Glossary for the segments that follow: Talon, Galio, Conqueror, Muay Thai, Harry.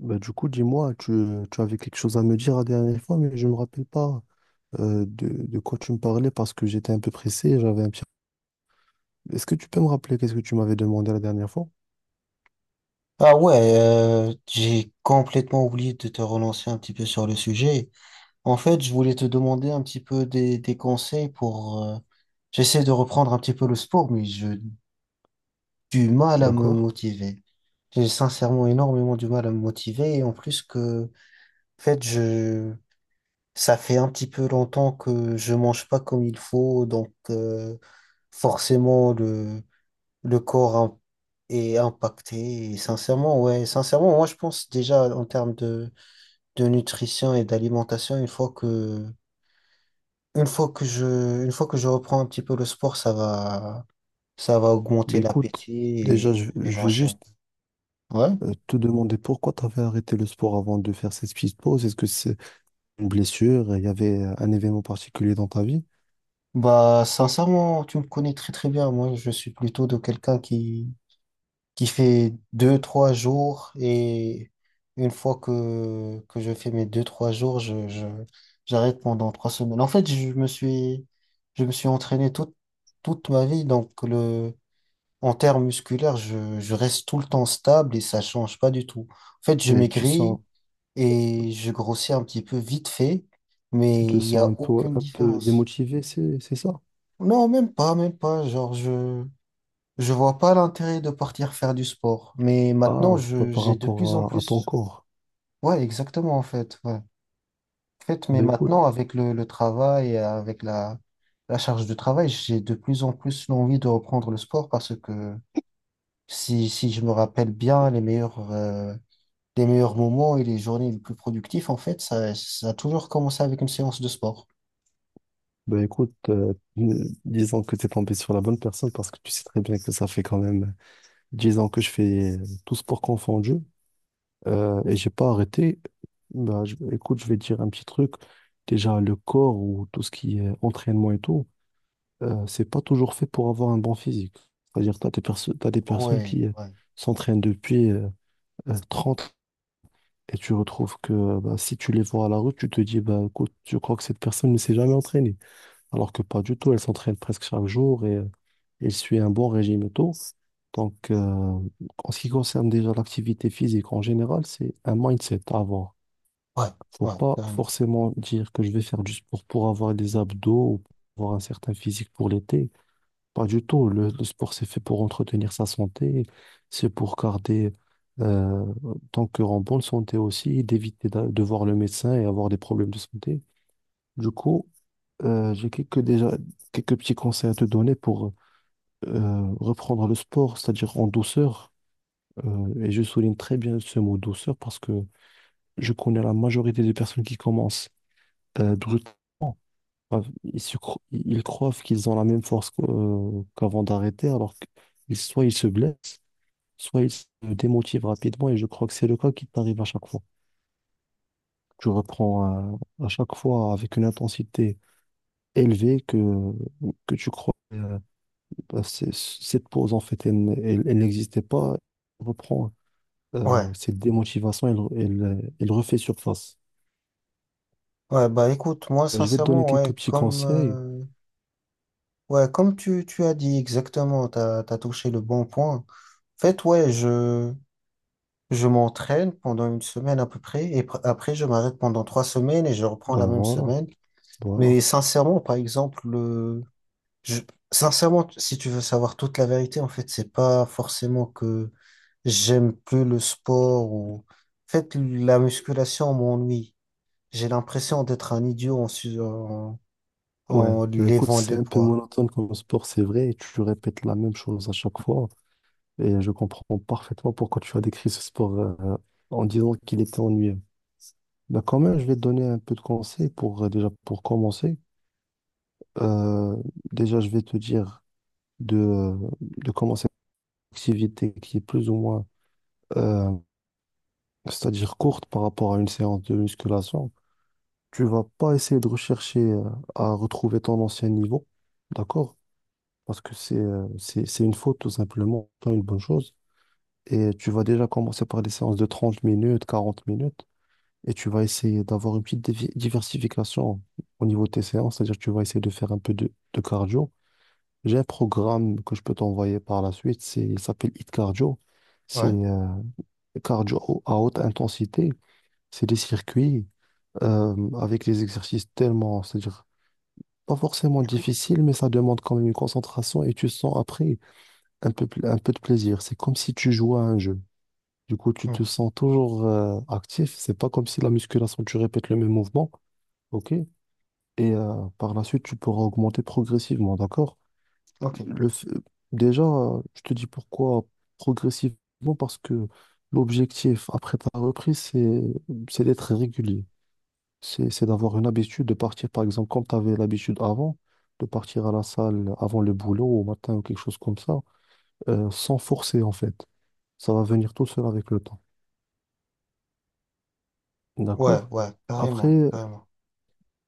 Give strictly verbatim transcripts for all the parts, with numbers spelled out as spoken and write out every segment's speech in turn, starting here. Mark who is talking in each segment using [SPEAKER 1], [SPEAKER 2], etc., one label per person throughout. [SPEAKER 1] Bah, du coup, dis-moi, tu, tu avais quelque chose à me dire la dernière fois, mais je me rappelle pas euh, de, de quoi tu me parlais parce que j'étais un peu pressé, j'avais un petit. Est-ce que tu peux me rappeler qu'est-ce que tu m'avais demandé la dernière fois?
[SPEAKER 2] Ah ouais, euh, j'ai complètement oublié de te relancer un petit peu sur le sujet. En fait, je voulais te demander un petit peu des, des conseils pour... euh, j'essaie de reprendre un petit peu le sport, mais j'ai du mal à me
[SPEAKER 1] D'accord.
[SPEAKER 2] motiver. J'ai sincèrement énormément du mal à me motiver. Et en plus que, en fait, je, ça fait un petit peu longtemps que je mange pas comme il faut. Donc, euh, forcément, le, le corps im- est impacté. Et sincèrement, ouais, sincèrement, moi je pense déjà en termes de, de nutrition et d'alimentation, une fois que, une fois que je, une fois que je reprends un petit peu le sport, ça va, ça va
[SPEAKER 1] Bah,
[SPEAKER 2] augmenter
[SPEAKER 1] écoute,
[SPEAKER 2] l'appétit
[SPEAKER 1] déjà,
[SPEAKER 2] et
[SPEAKER 1] je,
[SPEAKER 2] je vais
[SPEAKER 1] je veux
[SPEAKER 2] manger.
[SPEAKER 1] juste
[SPEAKER 2] Ouais.
[SPEAKER 1] euh, te demander pourquoi tu avais arrêté le sport avant de faire cette petite pause. Est-ce que c'est une blessure? Il y avait euh, un événement particulier dans ta vie?
[SPEAKER 2] Bah, sincèrement, tu me connais très très bien. Moi, je suis plutôt de quelqu'un qui, qui fait deux, trois jours. Et une fois que, que je fais mes deux, trois jours, je, je, j'arrête pendant trois semaines. En fait, je me suis, je me suis entraîné toute, toute ma vie. Donc, le, en termes musculaires, je, je reste tout le temps stable et ça change pas du tout. En fait, je
[SPEAKER 1] Et tu sens,
[SPEAKER 2] maigris et je grossis un petit peu vite fait, mais
[SPEAKER 1] tu te
[SPEAKER 2] il n'y a
[SPEAKER 1] sens un peu,
[SPEAKER 2] aucune
[SPEAKER 1] un peu
[SPEAKER 2] différence.
[SPEAKER 1] démotivé, c'est, c'est ça?
[SPEAKER 2] Non, même pas, même pas. Genre, je, je vois pas l'intérêt de partir faire du sport, mais maintenant
[SPEAKER 1] Ah, c'est pas
[SPEAKER 2] je
[SPEAKER 1] par
[SPEAKER 2] j'ai de plus en
[SPEAKER 1] rapport à, à ton
[SPEAKER 2] plus.
[SPEAKER 1] corps.
[SPEAKER 2] Ouais, exactement en fait. Ouais. En fait, mais
[SPEAKER 1] Ben écoute,
[SPEAKER 2] maintenant avec le, le travail et avec la, la charge de travail, j'ai de plus en plus l'envie de reprendre le sport parce que si, si je me rappelle bien, les meilleurs euh, les meilleurs moments et les journées les plus productives, en fait, ça, ça a toujours commencé avec une séance de sport.
[SPEAKER 1] Ben écoute, euh, euh, disons que tu es tombé sur la bonne personne parce que tu sais très bien que ça fait quand même dix ans que je fais euh, tout sport confondu euh, et j'ai pas arrêté. Ben, je- écoute, je vais te dire un petit truc. Déjà, le corps ou tout ce qui est entraînement et tout, euh, c'est pas toujours fait pour avoir un bon physique. C'est-à-dire, tu as des perso- t'as des personnes
[SPEAKER 2] Ouais,
[SPEAKER 1] qui euh,
[SPEAKER 2] ouais,
[SPEAKER 1] s'entraînent depuis euh, euh, trente et tu retrouves que bah, si tu les vois à la rue, tu te dis, bah, écoute, je crois que cette personne ne s'est jamais entraînée alors que pas du tout. Elle s'entraîne presque chaque jour et euh, elle suit un bon régime et tout. Donc, euh, en ce qui concerne déjà l'activité physique en général, c'est un mindset à avoir.
[SPEAKER 2] ouais,
[SPEAKER 1] Faut
[SPEAKER 2] ouais,
[SPEAKER 1] pas
[SPEAKER 2] carrément.
[SPEAKER 1] forcément dire que je vais faire du sport pour avoir des abdos ou pour avoir un certain physique pour l'été. Pas du tout. Le, le sport, c'est fait pour entretenir sa santé, c'est pour garder euh, ton cœur en bonne santé aussi, d'éviter d'a- de voir le médecin et avoir des problèmes de santé. Du coup, euh, j'ai quelques, déjà, quelques petits conseils à te donner pour euh, reprendre le sport, c'est-à-dire en douceur. Euh, et je souligne très bien ce mot douceur parce que je connais la majorité des personnes qui commencent euh, brutalement. Enfin, Ils, se cro- ils croient qu'ils ont la même force qu'au- euh, qu'avant d'arrêter, alors que ils- soit ils se blessent, soit ils se démotivent rapidement. Et je crois que c'est le cas qui t'arrive à chaque fois. Tu reprends euh, à chaque fois avec une intensité élevée que, que tu crois. euh, euh, c'est- cette pause, en fait, elle, elle- elle n'existait pas. Elle reprend euh,
[SPEAKER 2] Ouais,
[SPEAKER 1] cette démotivation, elle, elle, elle refait surface.
[SPEAKER 2] ouais, bah écoute, moi
[SPEAKER 1] Euh, Je vais te donner
[SPEAKER 2] sincèrement,
[SPEAKER 1] quelques
[SPEAKER 2] ouais,
[SPEAKER 1] petits
[SPEAKER 2] comme,
[SPEAKER 1] conseils.
[SPEAKER 2] euh, ouais, comme tu, tu as dit exactement, t'as, t'as touché le bon point. En fait, ouais, je, Je m'entraîne pendant une semaine à peu près et pr- après je m'arrête pendant trois semaines et je reprends la
[SPEAKER 1] Ben
[SPEAKER 2] même
[SPEAKER 1] voilà,
[SPEAKER 2] semaine.
[SPEAKER 1] voilà.
[SPEAKER 2] Mais sincèrement, par exemple, le... je... sincèrement, si tu veux savoir toute la vérité, en fait, c'est pas forcément que j'aime plus le sport ou en fait la musculation m'ennuie. J'ai l'impression d'être un idiot en, su- en...
[SPEAKER 1] Ouais,
[SPEAKER 2] en
[SPEAKER 1] ben écoute,
[SPEAKER 2] levant
[SPEAKER 1] c'est
[SPEAKER 2] des
[SPEAKER 1] un peu
[SPEAKER 2] poids.
[SPEAKER 1] monotone comme sport, c'est vrai. Tu répètes la même chose à chaque fois. Et je comprends parfaitement pourquoi tu as décrit ce sport euh, en disant qu'il était ennuyeux. Ben quand même, je vais te donner un peu de conseils pour, euh, déjà, pour commencer. Euh, déjà, je vais te dire de, de commencer activité qui est plus ou moins, euh, c'est-à-dire courte par rapport à une séance de musculation, tu vas pas essayer de rechercher euh, à retrouver ton ancien niveau, d'accord? Parce que c'est euh, c'est, c'est une faute tout simplement, pas une bonne chose. Et tu vas déjà commencer par des séances de trente minutes, quarante minutes, et tu vas essayer d'avoir une petite dévi- diversification au niveau de tes séances, c'est-à-dire que tu vas essayer de faire un peu de, de cardio. J'ai un programme que je peux t'envoyer par la suite. C'est, il s'appelle Hit Cardio. C'est
[SPEAKER 2] Ouais.
[SPEAKER 1] euh, cardio à haute intensité. C'est des circuits euh, avec des exercices tellement, c'est-à-dire pas forcément difficiles, mais ça demande quand même une concentration et tu sens après un peu, pl- un peu de plaisir. C'est comme si tu jouais à un jeu. Du coup, tu te
[SPEAKER 2] Hmm.
[SPEAKER 1] sens toujours euh, actif. C'est pas comme si la musculation, tu répètes le même mouvement. OK? Et euh, par la suite, tu pourras augmenter progressivement. D'accord?
[SPEAKER 2] Ok.
[SPEAKER 1] Le f- Déjà, euh, je te dis pourquoi progressivement, parce que l'objectif après ta reprise, c'est c'est d'être régulier. C'est c'est d'avoir une habitude de partir, par exemple, comme tu avais l'habitude avant, de partir à la salle avant le boulot, au matin ou quelque chose comme ça, euh, sans forcer en fait. Ça va venir tout seul avec le temps.
[SPEAKER 2] Ouais,
[SPEAKER 1] D'accord?
[SPEAKER 2] ouais, carrément,
[SPEAKER 1] Après,
[SPEAKER 2] carrément.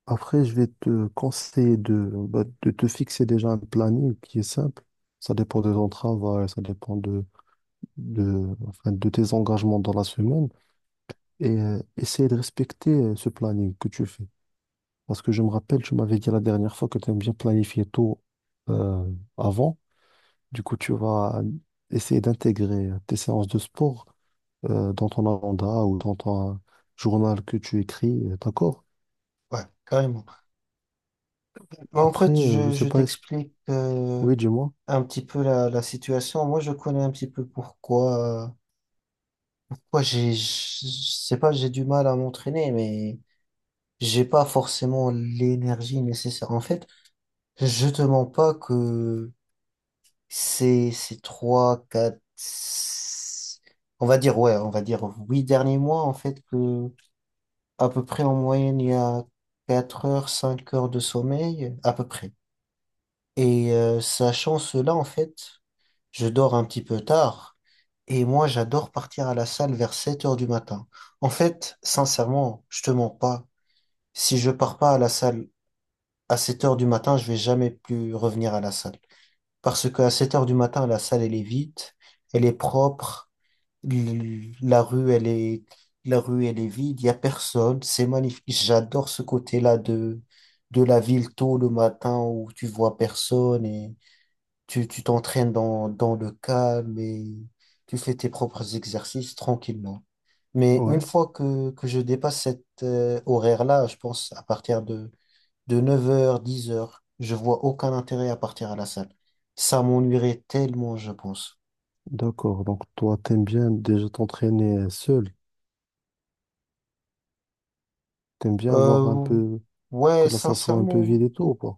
[SPEAKER 1] après, je vais te conseiller de, bah, de te fixer déjà un planning qui est simple. Ça dépend de ton travail, ça dépend de de, enfin, de tes engagements dans la semaine et euh, essayer de respecter euh, ce planning que tu fais. Parce que je me rappelle, tu m'avais dit la dernière fois que tu aimes bien planifier tôt euh, avant. Du coup, tu vas essayer d'intégrer euh, tes séances de sport euh, dans ton agenda ou dans ton journal que tu écris, euh, d'accord?
[SPEAKER 2] Ouais, carrément. En
[SPEAKER 1] Après,
[SPEAKER 2] fait,
[SPEAKER 1] euh, je
[SPEAKER 2] je,
[SPEAKER 1] sais
[SPEAKER 2] je
[SPEAKER 1] pas, est-ce.
[SPEAKER 2] t'explique. euh,
[SPEAKER 1] Oui, dis-moi.
[SPEAKER 2] un petit peu la, la situation. Moi, je connais un petit peu pourquoi, euh, pourquoi j'ai, je sais pas, j'ai du mal à m'entraîner, mais j'ai pas forcément l'énergie nécessaire. En fait, je te mens pas que ces, ces trois, quatre, six- on va dire, ouais, on va dire huit derniers mois, en fait, que à peu près en moyenne, il y a quatre heures, cinq heures de sommeil, à peu près. Et euh, sachant cela, en fait, je dors un petit peu tard. Et moi, j'adore partir à la salle vers sept heures du matin. En fait, sincèrement, je te mens pas. Si je pars pas à la salle à sept heures du matin, je vais jamais plus revenir à la salle. Parce qu'à sept heures du matin, la salle, elle est vide, elle est propre, l- la rue, elle est, la rue, elle est vide, il y a personne. C'est magnifique. J'adore ce côté-là de, de la ville tôt le matin où tu vois personne et tu, tu t'entraînes dans, dans le calme et tu fais tes propres exercices tranquillement. Mais une
[SPEAKER 1] Ouais,
[SPEAKER 2] fois que, que je dépasse cet euh, horaire-là, je pense à partir de, de neuf heures dix heures je vois aucun intérêt à partir à la salle. Ça m'ennuierait tellement, je pense.
[SPEAKER 1] d'accord. Donc, toi, t'aimes bien déjà t'entraîner euh, seul. T'aimes bien avoir un
[SPEAKER 2] Euh,
[SPEAKER 1] peu.
[SPEAKER 2] ouais,
[SPEAKER 1] Que là, ça soit un peu vide
[SPEAKER 2] sincèrement.
[SPEAKER 1] et tout, ou pas?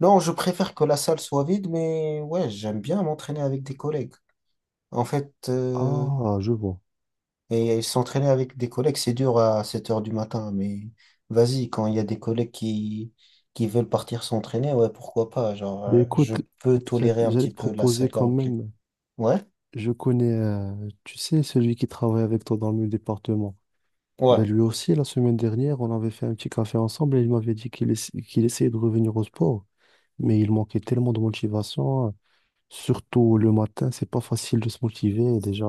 [SPEAKER 2] Non, je préfère que la salle soit vide, mais ouais, j'aime bien m'entraîner avec des collègues. En fait, euh,
[SPEAKER 1] Ah, je vois.
[SPEAKER 2] Et s'entraîner avec des collègues, c'est dur à sept heures du matin, mais vas-y, quand il y a des collègues qui, qui veulent partir s'entraîner, ouais, pourquoi pas? Genre,
[SPEAKER 1] Ben
[SPEAKER 2] euh, je
[SPEAKER 1] écoute,
[SPEAKER 2] peux
[SPEAKER 1] j'a-
[SPEAKER 2] tolérer un
[SPEAKER 1] j'allais
[SPEAKER 2] petit
[SPEAKER 1] te
[SPEAKER 2] peu la
[SPEAKER 1] proposer
[SPEAKER 2] salle
[SPEAKER 1] quand
[SPEAKER 2] remplie.
[SPEAKER 1] même,
[SPEAKER 2] Ouais,
[SPEAKER 1] je connais, euh, tu sais, celui qui travaille avec toi dans le même département.
[SPEAKER 2] ouais,
[SPEAKER 1] Ben lui aussi, la semaine dernière, on avait fait un petit café ensemble et il m'avait dit qu'il essa- qu'il essayait de revenir au sport, mais il manquait tellement de motivation, surtout le matin, c'est pas facile de se motiver. Déjà,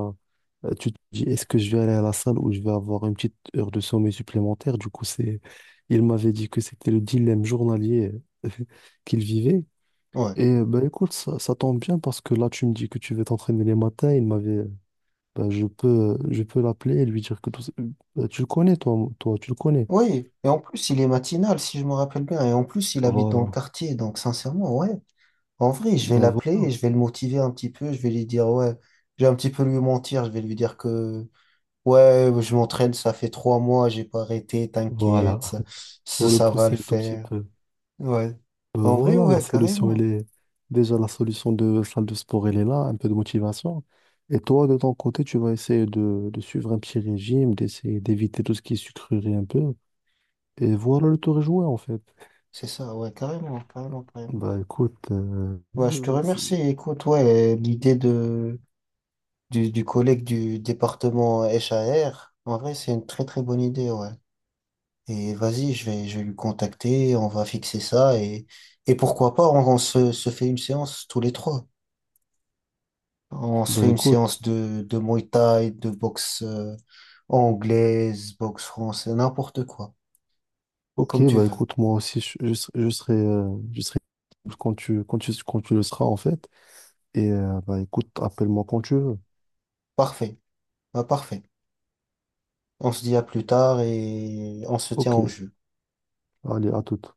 [SPEAKER 1] euh, tu te dis, est-ce que je vais aller à la salle ou je vais avoir une petite heure de sommeil supplémentaire? Du coup, c'est, il m'avait dit que c'était le dilemme journalier qu'il vivait.
[SPEAKER 2] ouais.
[SPEAKER 1] Et euh, ben écoute, ça, ça tombe bien parce que là, tu me dis que tu veux t'entraîner les matins. Il m'avait, ben, je peux, je peux, l'appeler et lui dire que tout ça- ben, tu le connais, toi, toi, tu le connais.
[SPEAKER 2] Oui, et en plus, il est matinal, si je me rappelle bien. Et en plus, il habite dans le
[SPEAKER 1] Voilà.
[SPEAKER 2] quartier, donc sincèrement, ouais. En vrai, je vais
[SPEAKER 1] Ben
[SPEAKER 2] l'appeler,
[SPEAKER 1] voilà.
[SPEAKER 2] et je vais le motiver un petit peu, je vais lui dire, ouais, je vais un petit peu lui mentir, je vais lui dire que, ouais, je m'entraîne, ça fait trois mois, j'ai pas arrêté,
[SPEAKER 1] Voilà.
[SPEAKER 2] t'inquiète, ça, ça
[SPEAKER 1] Pour le
[SPEAKER 2] ça va le
[SPEAKER 1] pousser un tout petit
[SPEAKER 2] faire.
[SPEAKER 1] peu.
[SPEAKER 2] Ouais.
[SPEAKER 1] Ben
[SPEAKER 2] En vrai,
[SPEAKER 1] voilà, la
[SPEAKER 2] ouais,
[SPEAKER 1] solution, elle
[SPEAKER 2] carrément.
[SPEAKER 1] est déjà la solution de salle de sport, elle est là, un peu de motivation. Et toi, de ton côté, tu vas essayer de, de suivre un petit régime, d'essayer d'éviter tout ce qui est sucrerie un peu. Et voilà, le tour est joué, en fait.
[SPEAKER 2] C'est ça, ouais, carrément, carrément, carrément.
[SPEAKER 1] Ben écoute, euh,
[SPEAKER 2] Ouais, je te
[SPEAKER 1] euh, c'est-
[SPEAKER 2] remercie. Écoute, ouais, l'idée de du, du collègue du département H A R en vrai, c'est une très très bonne idée, ouais. Et vas-y, je vais je vais lui contacter, on va fixer ça et et pourquoi pas, on, on se, se fait une séance tous les trois. On se fait
[SPEAKER 1] ben
[SPEAKER 2] une
[SPEAKER 1] écoute.
[SPEAKER 2] séance de de Muay Thai, de boxe euh, anglaise, boxe française, n'importe quoi,
[SPEAKER 1] Ok,
[SPEAKER 2] comme tu
[SPEAKER 1] bah
[SPEAKER 2] veux.
[SPEAKER 1] écoute, moi aussi, je, je, serai, je serai euh, je serai quand tu, quand tu, quand tu le seras, en fait. Et euh, bah écoute, appelle-moi quand tu veux.
[SPEAKER 2] Parfait. Bah, parfait. On se dit à plus tard et on se tient
[SPEAKER 1] Ok,
[SPEAKER 2] au jeu.
[SPEAKER 1] allez, à toute.